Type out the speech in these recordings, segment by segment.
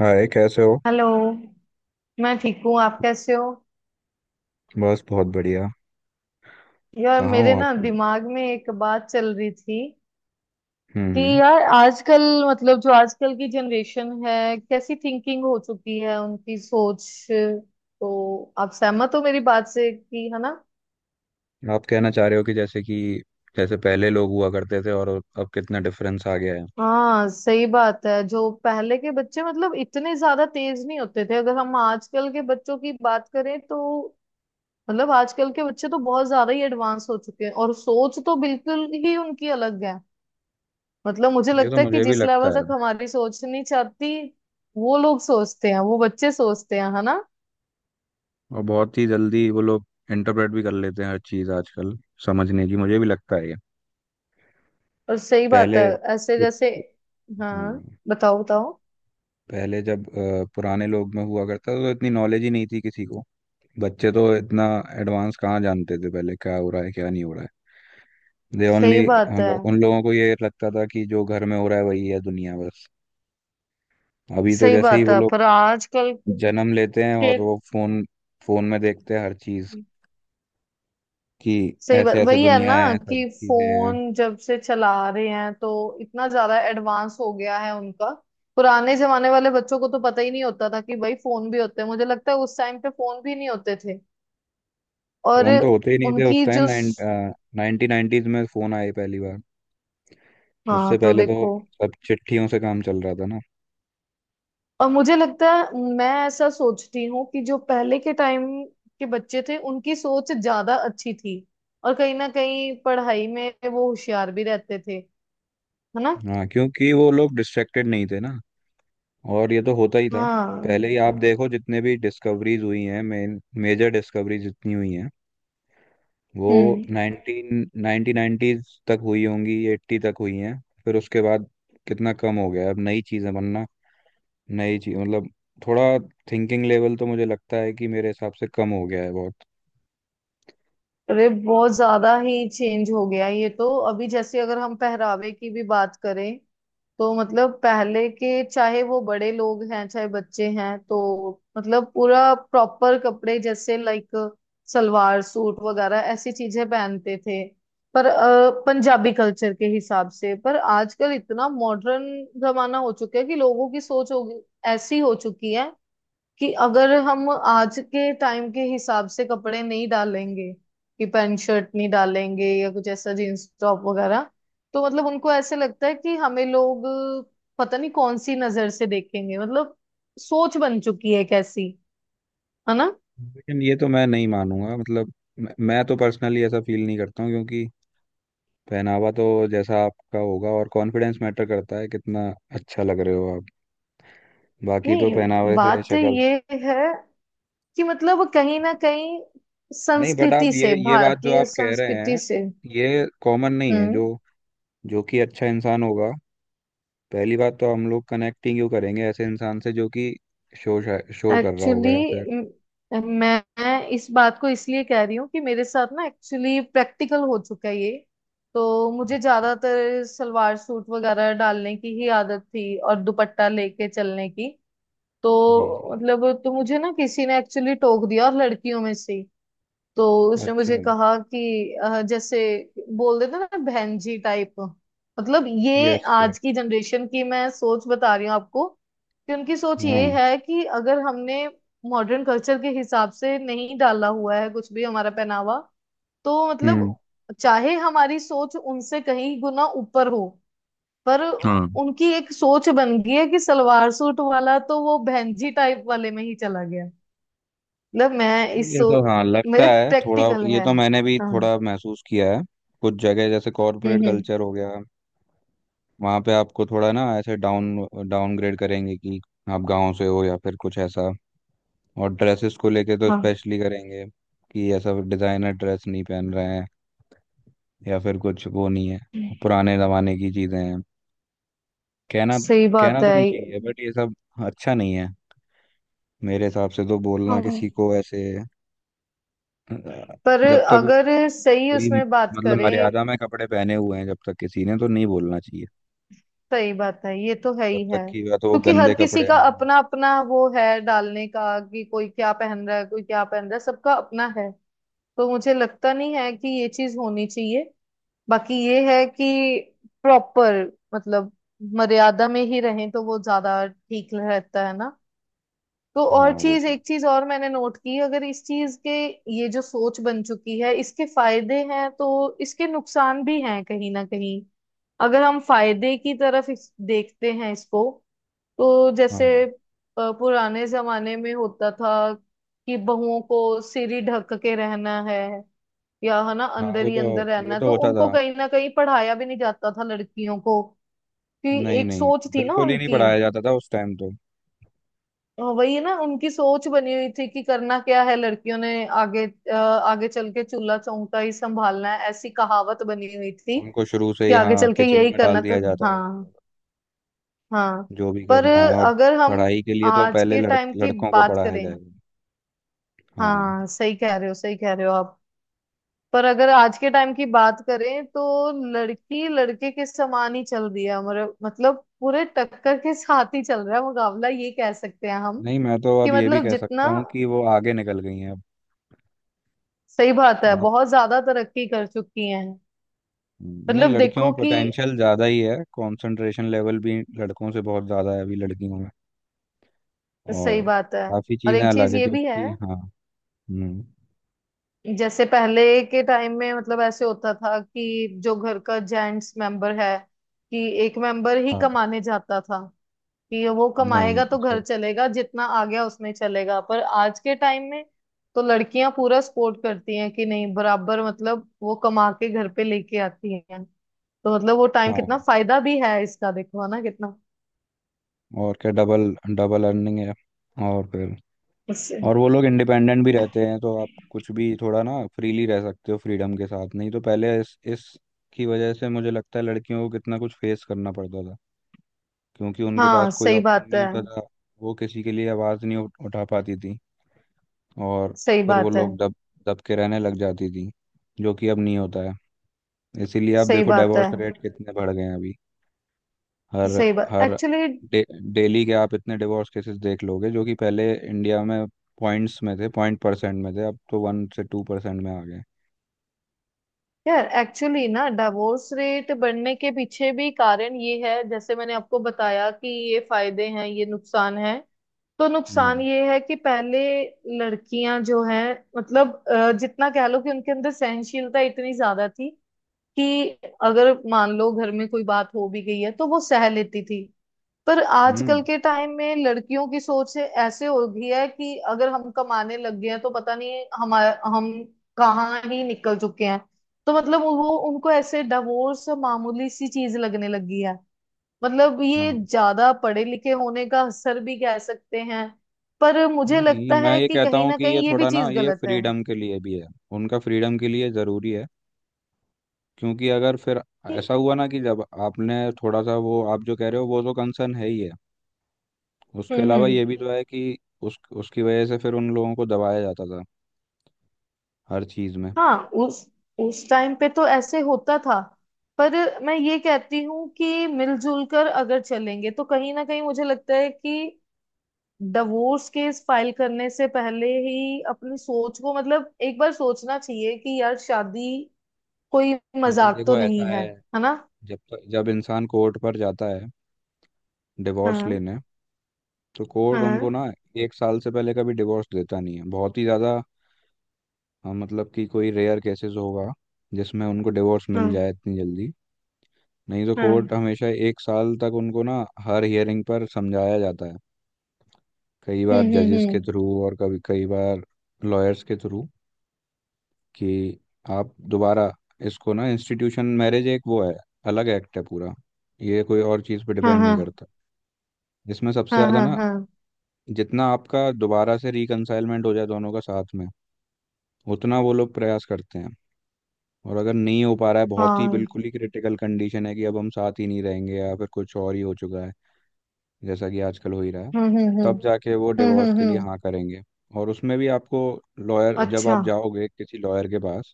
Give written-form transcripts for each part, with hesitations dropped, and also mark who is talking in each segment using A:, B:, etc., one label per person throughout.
A: हाय, कैसे हो?
B: हेलो। मैं ठीक हूँ, आप कैसे हो?
A: बस बहुत बढ़िया।
B: यार,
A: कहाँ हो
B: मेरे
A: आप?
B: ना दिमाग में एक बात चल रही थी कि
A: हम्म।
B: यार आजकल, मतलब जो आजकल की जनरेशन है, कैसी थिंकिंग हो चुकी है उनकी सोच। तो आप सहमत हो मेरी बात से कि, है ना?
A: हम्म। आप कहना चाह रहे हो कि जैसे कि, जैसे पहले लोग हुआ करते थे और अब कितना डिफरेंस आ गया है।
B: हाँ, सही बात है। जो पहले के बच्चे, मतलब इतने ज्यादा तेज नहीं होते थे, अगर हम आजकल के बच्चों की बात करें तो, मतलब आजकल के बच्चे तो बहुत ज्यादा ही एडवांस हो चुके हैं, और सोच तो बिल्कुल ही उनकी अलग है। मतलब मुझे
A: ये तो
B: लगता है कि
A: मुझे भी
B: जिस
A: लगता
B: लेवल
A: है।
B: तक हमारी सोच नहीं चाहती, वो लोग सोचते हैं, वो बच्चे सोचते हैं, है ना?
A: और बहुत ही जल्दी वो लोग इंटरप्रेट भी कर लेते हैं हर चीज़ आजकल समझने की, मुझे भी लगता है ये।
B: और सही बात
A: पहले
B: है। ऐसे जैसे, हाँ,
A: हम्म,
B: बताओ बताओ।
A: पहले जब पुराने लोग में हुआ करता था तो इतनी नॉलेज ही नहीं थी किसी को। बच्चे तो इतना एडवांस कहाँ जानते थे, पहले क्या हो रहा है क्या नहीं हो रहा है। दे ओनली,
B: सही बात है।
A: मतलब उन लोगों को ये लगता था कि जो घर में हो रहा है वही है, दुनिया बस। अभी तो
B: सही
A: जैसे ही
B: बात
A: वो
B: है
A: लोग
B: पर आजकल
A: जन्म लेते हैं और
B: के,
A: वो फोन फोन में देखते हैं हर चीज कि
B: सही बात
A: ऐसे ऐसे
B: वही है
A: दुनिया
B: ना
A: है, सब
B: कि
A: चीजें हैं।
B: फोन जब से चला रहे हैं तो इतना ज्यादा एडवांस हो गया है उनका। पुराने जमाने वाले बच्चों को तो पता ही नहीं होता था कि भाई फोन भी होते हैं, मुझे लगता है उस टाइम पे फोन भी नहीं होते थे। और
A: फोन तो होते ही नहीं थे उस
B: उनकी
A: टाइम।
B: जो,
A: 1990s में फोन आए पहली बार।
B: हाँ
A: उससे
B: तो
A: पहले तो
B: देखो।
A: सब चिट्ठियों से काम चल रहा था ना।
B: और मुझे लगता है, मैं ऐसा सोचती हूँ कि जो पहले के टाइम के बच्चे थे, उनकी सोच ज्यादा अच्छी थी। और कहीं ना कहीं पढ़ाई में वो होशियार भी रहते थे, है ना?
A: हाँ, क्योंकि वो लोग डिस्ट्रैक्टेड नहीं थे ना। और ये तो होता ही था
B: हाँ।
A: पहले ही। आप देखो जितने भी डिस्कवरीज हुई हैं, मेन मेजर डिस्कवरीज जितनी हुई हैं वो
B: हम्म।
A: नाइनटीन 1990s तक हुई होंगी, एट्टी तक हुई हैं। फिर उसके बाद कितना कम हो गया है। अब नई चीज़ें बनना, नई चीज मतलब, थोड़ा थिंकिंग लेवल तो मुझे लगता है कि मेरे हिसाब से कम हो गया है बहुत।
B: अरे बहुत ज्यादा ही चेंज हो गया ये तो। अभी जैसे अगर हम पहरावे की भी बात करें तो, मतलब पहले के, चाहे वो बड़े लोग हैं चाहे बच्चे हैं, तो मतलब पूरा प्रॉपर कपड़े, जैसे लाइक सलवार सूट वगैरह ऐसी चीजें पहनते थे। पर पंजाबी कल्चर के हिसाब से। पर आजकल इतना मॉडर्न जमाना हो चुका है कि लोगों की सोच ऐसी हो चुकी है कि अगर हम आज के टाइम के हिसाब से कपड़े नहीं डालेंगे, कि पैंट शर्ट नहीं डालेंगे या कुछ ऐसा जींस टॉप वगैरह, तो मतलब उनको ऐसे लगता है कि हमें लोग पता नहीं कौन सी नजर से देखेंगे। मतलब सोच बन चुकी है कैसी, है ना?
A: लेकिन ये तो मैं नहीं मानूंगा, मतलब मैं तो पर्सनली ऐसा फील नहीं करता हूँ, क्योंकि पहनावा तो जैसा आपका होगा और कॉन्फिडेंस मैटर करता है, कितना अच्छा लग रहे हो आप। बाकी तो
B: नहीं,
A: पहनावे से
B: बात
A: शक्ल।
B: ये है कि मतलब कहीं ना कहीं
A: नहीं, बट
B: संस्कृति
A: आप ये
B: से,
A: ये बात जो
B: भारतीय
A: आप कह रहे
B: संस्कृति
A: हैं,
B: से।
A: ये कॉमन नहीं है।
B: हम्म।
A: जो जो कि अच्छा इंसान होगा, पहली बात तो हम लोग कनेक्टिंग क्यों करेंगे ऐसे इंसान से जो कि शो शो कर रहा होगा
B: एक्चुअली,
A: या फिर।
B: मैं मैं इस बात को इसलिए कह रही हूँ कि मेरे साथ ना एक्चुअली प्रैक्टिकल हो चुका है ये। तो मुझे ज्यादातर सलवार सूट वगैरह डालने की ही आदत थी और दुपट्टा लेके चलने की। तो
A: जी जी।
B: मतलब तो मुझे ना किसी ने एक्चुअली टोक दिया, और लड़कियों में से। तो उसने मुझे
A: अच्छा।
B: कहा कि जैसे बोल देते ना, बहन जी टाइप। मतलब ये
A: यस यस।
B: आज की जनरेशन की मैं सोच बता रही हूँ आपको, कि उनकी सोच ये
A: हाँ।
B: है कि अगर हमने मॉडर्न कल्चर के हिसाब से नहीं डाला हुआ है कुछ भी, हमारा पहनावा, तो मतलब
A: हम्म।
B: चाहे हमारी सोच उनसे कहीं गुना ऊपर हो, पर
A: हाँ।
B: उनकी एक सोच बन गई है कि सलवार सूट वाला तो वो बहन जी टाइप वाले में ही चला गया। मतलब मैं इस
A: ये
B: सो,
A: तो, हाँ, लगता
B: मेरे
A: है थोड़ा।
B: प्रैक्टिकल
A: ये
B: है,
A: तो मैंने भी
B: हाँ।
A: थोड़ा महसूस किया है। कुछ जगह जैसे कॉरपोरेट
B: हम्म। हम्म।
A: कल्चर हो गया, वहाँ पे आपको थोड़ा ना ऐसे डाउनग्रेड करेंगे कि आप गांव से हो या फिर कुछ ऐसा। और ड्रेसेस को लेके तो
B: हाँ।
A: स्पेशली करेंगे कि ऐसा डिजाइनर ड्रेस नहीं पहन रहे हैं या फिर कुछ वो नहीं है,
B: हम्म,
A: पुराने जमाने की चीजें हैं। कहना
B: सही
A: कहना
B: बात
A: तो
B: है।
A: नहीं चाहिए बट ये सब अच्छा नहीं है। मेरे हिसाब से तो बोलना
B: हम्म,
A: किसी को ऐसे
B: पर
A: जब तक वो
B: अगर
A: कोई,
B: सही उसमें बात
A: मतलब
B: करें,
A: मर्यादा में कपड़े पहने हुए हैं, जब तक किसी ने तो नहीं बोलना चाहिए।
B: सही बात है, ये तो है
A: जब
B: ही है।
A: तक कि या तो वो
B: क्योंकि हर
A: गंदे
B: किसी
A: कपड़े
B: का
A: ना हो।
B: अपना अपना वो है डालने का, कि कोई क्या पहन रहा है, कोई क्या पहन रहा है, सबका अपना है। तो मुझे लगता नहीं है कि ये चीज होनी चाहिए। बाकी ये है कि प्रॉपर, मतलब मर्यादा में ही रहें तो वो ज्यादा ठीक रहता है ना। तो और
A: हाँ, वो
B: चीज,
A: तो।
B: एक चीज और मैंने नोट की, अगर इस चीज के, ये जो सोच बन चुकी है, इसके फायदे हैं तो इसके नुकसान भी हैं, कहीं ना कहीं। अगर हम फायदे की तरफ देखते हैं इसको, तो
A: हाँ,
B: जैसे पुराने जमाने में होता था कि बहुओं को सिर ही ढक के रहना है, या है ना
A: हाँ,
B: अंदर
A: वो
B: ही
A: तो,
B: अंदर रहना
A: ये
B: है,
A: तो
B: तो
A: होता
B: उनको
A: था।
B: कहीं ना कहीं पढ़ाया भी नहीं जाता था लड़कियों को कि,
A: नहीं,
B: एक
A: नहीं,
B: सोच थी ना
A: बिल्कुल ही नहीं
B: उनकी।
A: पढ़ाया जाता था उस टाइम तो।
B: हाँ, वही है ना, उनकी सोच बनी हुई थी कि करना क्या है लड़कियों ने, आगे आगे चल के चूल्हा चौका ही संभालना है, ऐसी कहावत बनी हुई थी
A: उनको शुरू से
B: कि
A: ही
B: आगे
A: हाँ
B: चल के
A: किचन
B: यही
A: में डाल
B: करना, तो
A: दिया जाता था,
B: हाँ। हाँ,
A: जो भी
B: पर
A: करना है। और
B: अगर हम
A: पढ़ाई के लिए तो
B: आज
A: पहले
B: के टाइम की
A: लड़कों को
B: बात
A: पढ़ाया
B: करें।
A: जाएगा। हाँ।
B: हाँ, सही कह रहे हो, सही कह रहे हो आप। पर अगर आज के टाइम की बात करें तो लड़की लड़के के समान ही चल रही है हमारे, मतलब पूरे टक्कर के साथ ही चल रहा है मुकाबला, ये कह सकते हैं हम
A: नहीं, मैं तो
B: कि
A: अब ये भी
B: मतलब
A: कह
B: जितना,
A: सकता हूँ कि वो आगे निकल गई हैं अब।
B: सही बात है,
A: आप।
B: बहुत ज्यादा तरक्की कर चुकी हैं।
A: नहीं,
B: मतलब
A: लड़कियों
B: देखो
A: में
B: कि,
A: पोटेंशियल ज़्यादा ही है, कंसंट्रेशन लेवल भी लड़कों से बहुत ज़्यादा है अभी लड़कियों में।
B: सही
A: और
B: बात है।
A: काफ़ी
B: और
A: चीज़ें
B: एक
A: अलग
B: चीज
A: है,
B: ये भी है,
A: क्योंकि हाँ। हम्म।
B: जैसे पहले के टाइम में मतलब ऐसे होता था कि जो घर का जेंट्स मेंबर है, कि एक मेंबर ही
A: हाँ।
B: कमाने जाता था कि वो कमाएगा
A: नहीं,
B: तो घर
A: सही।
B: चलेगा, जितना आ गया उसमें चलेगा। पर आज के टाइम में तो लड़कियां पूरा सपोर्ट करती हैं कि नहीं, बराबर, मतलब वो कमा के घर पे लेके आती हैं, तो मतलब वो टाइम,
A: हाँ,
B: कितना फायदा भी है इसका देखो, है ना, कितना
A: और क्या, डबल डबल अर्निंग है। और फिर।
B: उससे।
A: और वो लोग इंडिपेंडेंट भी रहते हैं तो आप कुछ भी थोड़ा ना फ्रीली रह सकते हो फ्रीडम के साथ, नहीं तो पहले इस की वजह से मुझे लगता है लड़कियों को कितना कुछ फेस करना पड़ता था। क्योंकि उनके पास
B: हाँ,
A: कोई
B: सही
A: ऑप्शन
B: बात
A: नहीं
B: है।
A: होता था। वो किसी के लिए आवाज़ नहीं उठा पाती थी। और
B: सही
A: फिर वो
B: बात है।
A: लोग दब दब के रहने लग जाती थी, जो कि अब नहीं होता है। इसीलिए आप
B: सही
A: देखो
B: बात है।
A: डाइवोर्स रेट कितने बढ़ गए हैं अभी। हर
B: सही बात
A: हर
B: एक्चुअली।
A: डे, डेली के आप इतने डिवोर्स केसेस देख लोगे जो कि पहले इंडिया में पॉइंट्स में थे, पॉइंट परसेंट में थे, अब तो 1 से 2% में आ गए।
B: यार एक्चुअली ना डिवोर्स रेट बढ़ने के पीछे भी कारण ये है, जैसे मैंने आपको बताया कि ये फायदे हैं ये नुकसान है। तो नुकसान
A: हम्म।
B: ये है कि पहले लड़कियां जो हैं, मतलब जितना कह लो कि उनके अंदर सहनशीलता इतनी ज्यादा थी कि अगर मान लो घर में कोई बात हो भी गई है तो वो सह लेती थी। पर आजकल
A: हम्म।
B: के टाइम में लड़कियों की ऐसे हो गई है कि अगर हम कमाने लग गए हैं तो पता नहीं हमारा हम कहाँ ही निकल चुके हैं। तो मतलब वो, उनको ऐसे डिवोर्स मामूली सी चीज लगने लगी है। मतलब ये
A: हाँ।
B: ज्यादा पढ़े लिखे होने का असर भी कह सकते हैं। पर मुझे
A: नहीं,
B: लगता
A: मैं
B: है
A: ये
B: कि
A: कहता
B: कहीं
A: हूँ
B: ना
A: कि ये
B: कहीं ये भी
A: थोड़ा ना,
B: चीज
A: ये
B: गलत है।
A: फ्रीडम के लिए भी है, उनका फ्रीडम के लिए ज़रूरी है। क्योंकि अगर फिर ऐसा हुआ ना कि जब आपने थोड़ा सा वो, आप जो कह रहे हो वो तो कंसर्न है ही है। उसके
B: हम्म।
A: अलावा
B: हम्म।
A: ये भी तो है कि उस उसकी वजह से फिर उन लोगों को दबाया जाता था हर चीज़ में।
B: हाँ। उस उस टाइम पे तो ऐसे होता था। पर मैं ये कहती हूँ कि मिलजुल कर अगर चलेंगे तो कहीं ना कहीं मुझे लगता है कि डिवोर्स केस फाइल करने से पहले ही अपनी सोच को, मतलब एक बार सोचना चाहिए कि यार शादी कोई
A: नहीं,
B: मजाक तो
A: देखो, ऐसा
B: नहीं है,
A: है।
B: है ना?
A: जब तक, जब इंसान कोर्ट पर जाता है डिवोर्स
B: हाँ,
A: लेने, तो
B: हाँ,
A: कोर्ट उनको
B: हाँ।
A: ना 1 साल से पहले कभी डिवोर्स देता नहीं है, बहुत ही ज़्यादा। मतलब कि कोई रेयर केसेस होगा जिसमें उनको डिवोर्स मिल
B: हाँ।
A: जाए इतनी जल्दी, नहीं तो कोर्ट हमेशा 1 साल तक उनको ना हर हियरिंग पर समझाया जाता है, कई
B: हम्म,
A: बार
B: हम्म,
A: जजेस
B: हम्म।
A: के थ्रू और कभी कई बार लॉयर्स के थ्रू कि आप दोबारा, इसको ना इंस्टीट्यूशन मैरिज एक वो है, अलग एक्ट है पूरा, ये कोई और चीज़ पे
B: हाँ,
A: डिपेंड
B: हाँ,
A: नहीं करता। इसमें सबसे
B: हाँ।
A: ज़्यादा
B: हाँ,
A: ना,
B: हाँ,
A: जितना आपका दोबारा से रिकनसाइलमेंट हो जाए दोनों का साथ में, उतना वो लोग प्रयास करते हैं। और अगर नहीं हो पा रहा है, बहुत ही,
B: हाँ।
A: बिल्कुल ही क्रिटिकल कंडीशन है कि अब हम साथ ही नहीं रहेंगे या फिर कुछ और ही हो चुका है जैसा कि आजकल हो ही रहा है,
B: हम्म, हम्म, हम्म।
A: तब जाके वो
B: हम्म,
A: डिवोर्स
B: हम्म,
A: के लिए हाँ करेंगे। और उसमें भी आपको लॉयर, जब
B: अच्छा।
A: आप जाओगे किसी लॉयर के पास,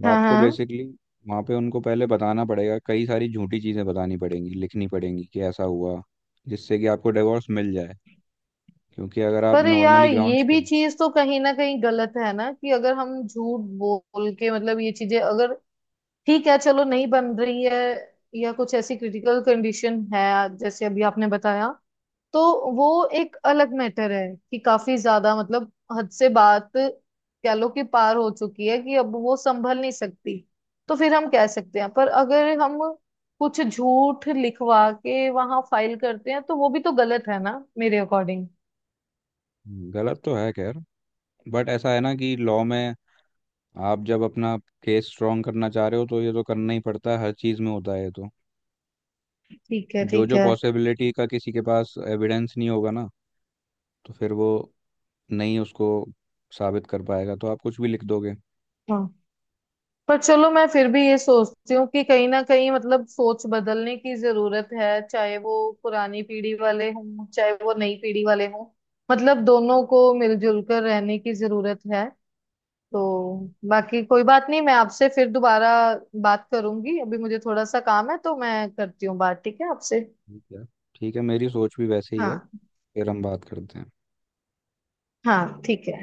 A: वो
B: हाँ,
A: आपको
B: हाँ।
A: बेसिकली वहाँ पे उनको पहले बताना पड़ेगा, कई सारी झूठी चीज़ें बतानी पड़ेंगी, लिखनी पड़ेंगी कि ऐसा हुआ, जिससे कि आपको डिवोर्स मिल जाए। क्योंकि अगर आप
B: पर यार
A: नॉर्मली
B: ये
A: ग्राउंड्स
B: भी
A: पे।
B: चीज तो कहीं ना कहीं गलत है ना, कि अगर हम झूठ बोल के, मतलब ये चीजें अगर, ठीक है, चलो नहीं बन रही है या कुछ ऐसी क्रिटिकल कंडीशन है जैसे अभी आपने बताया, तो वो एक अलग मैटर है कि काफी ज्यादा, मतलब हद से बात कह लो कि पार हो चुकी है कि अब वो संभल नहीं सकती, तो फिर हम कह सकते हैं। पर अगर हम कुछ झूठ लिखवा के वहां फाइल करते हैं तो वो भी तो गलत है ना, मेरे अकॉर्डिंग।
A: गलत तो है खैर, बट ऐसा है ना कि लॉ में आप जब अपना केस स्ट्रॉन्ग करना चाह रहे हो तो ये तो करना ही पड़ता है, हर चीज़ में होता है ये तो।
B: ठीक है,
A: जो
B: ठीक
A: जो
B: है।
A: पॉसिबिलिटी का किसी के पास एविडेंस नहीं होगा ना, तो फिर वो नहीं उसको साबित कर पाएगा, तो आप कुछ भी लिख दोगे।
B: हाँ, पर चलो मैं फिर भी ये सोचती हूँ कि कहीं ना कहीं मतलब सोच बदलने की जरूरत है, चाहे वो पुरानी पीढ़ी वाले हों चाहे वो नई पीढ़ी वाले हों, मतलब दोनों को मिलजुल कर रहने की जरूरत है। तो बाकी कोई बात नहीं, मैं आपसे फिर दोबारा बात करूंगी। अभी मुझे थोड़ा सा काम है तो मैं करती हूँ बात, ठीक है आपसे?
A: ठीक है। ठीक है, मेरी सोच भी वैसे ही है।
B: हाँ,
A: फिर हम बात करते हैं।
B: हाँ, ठीक है।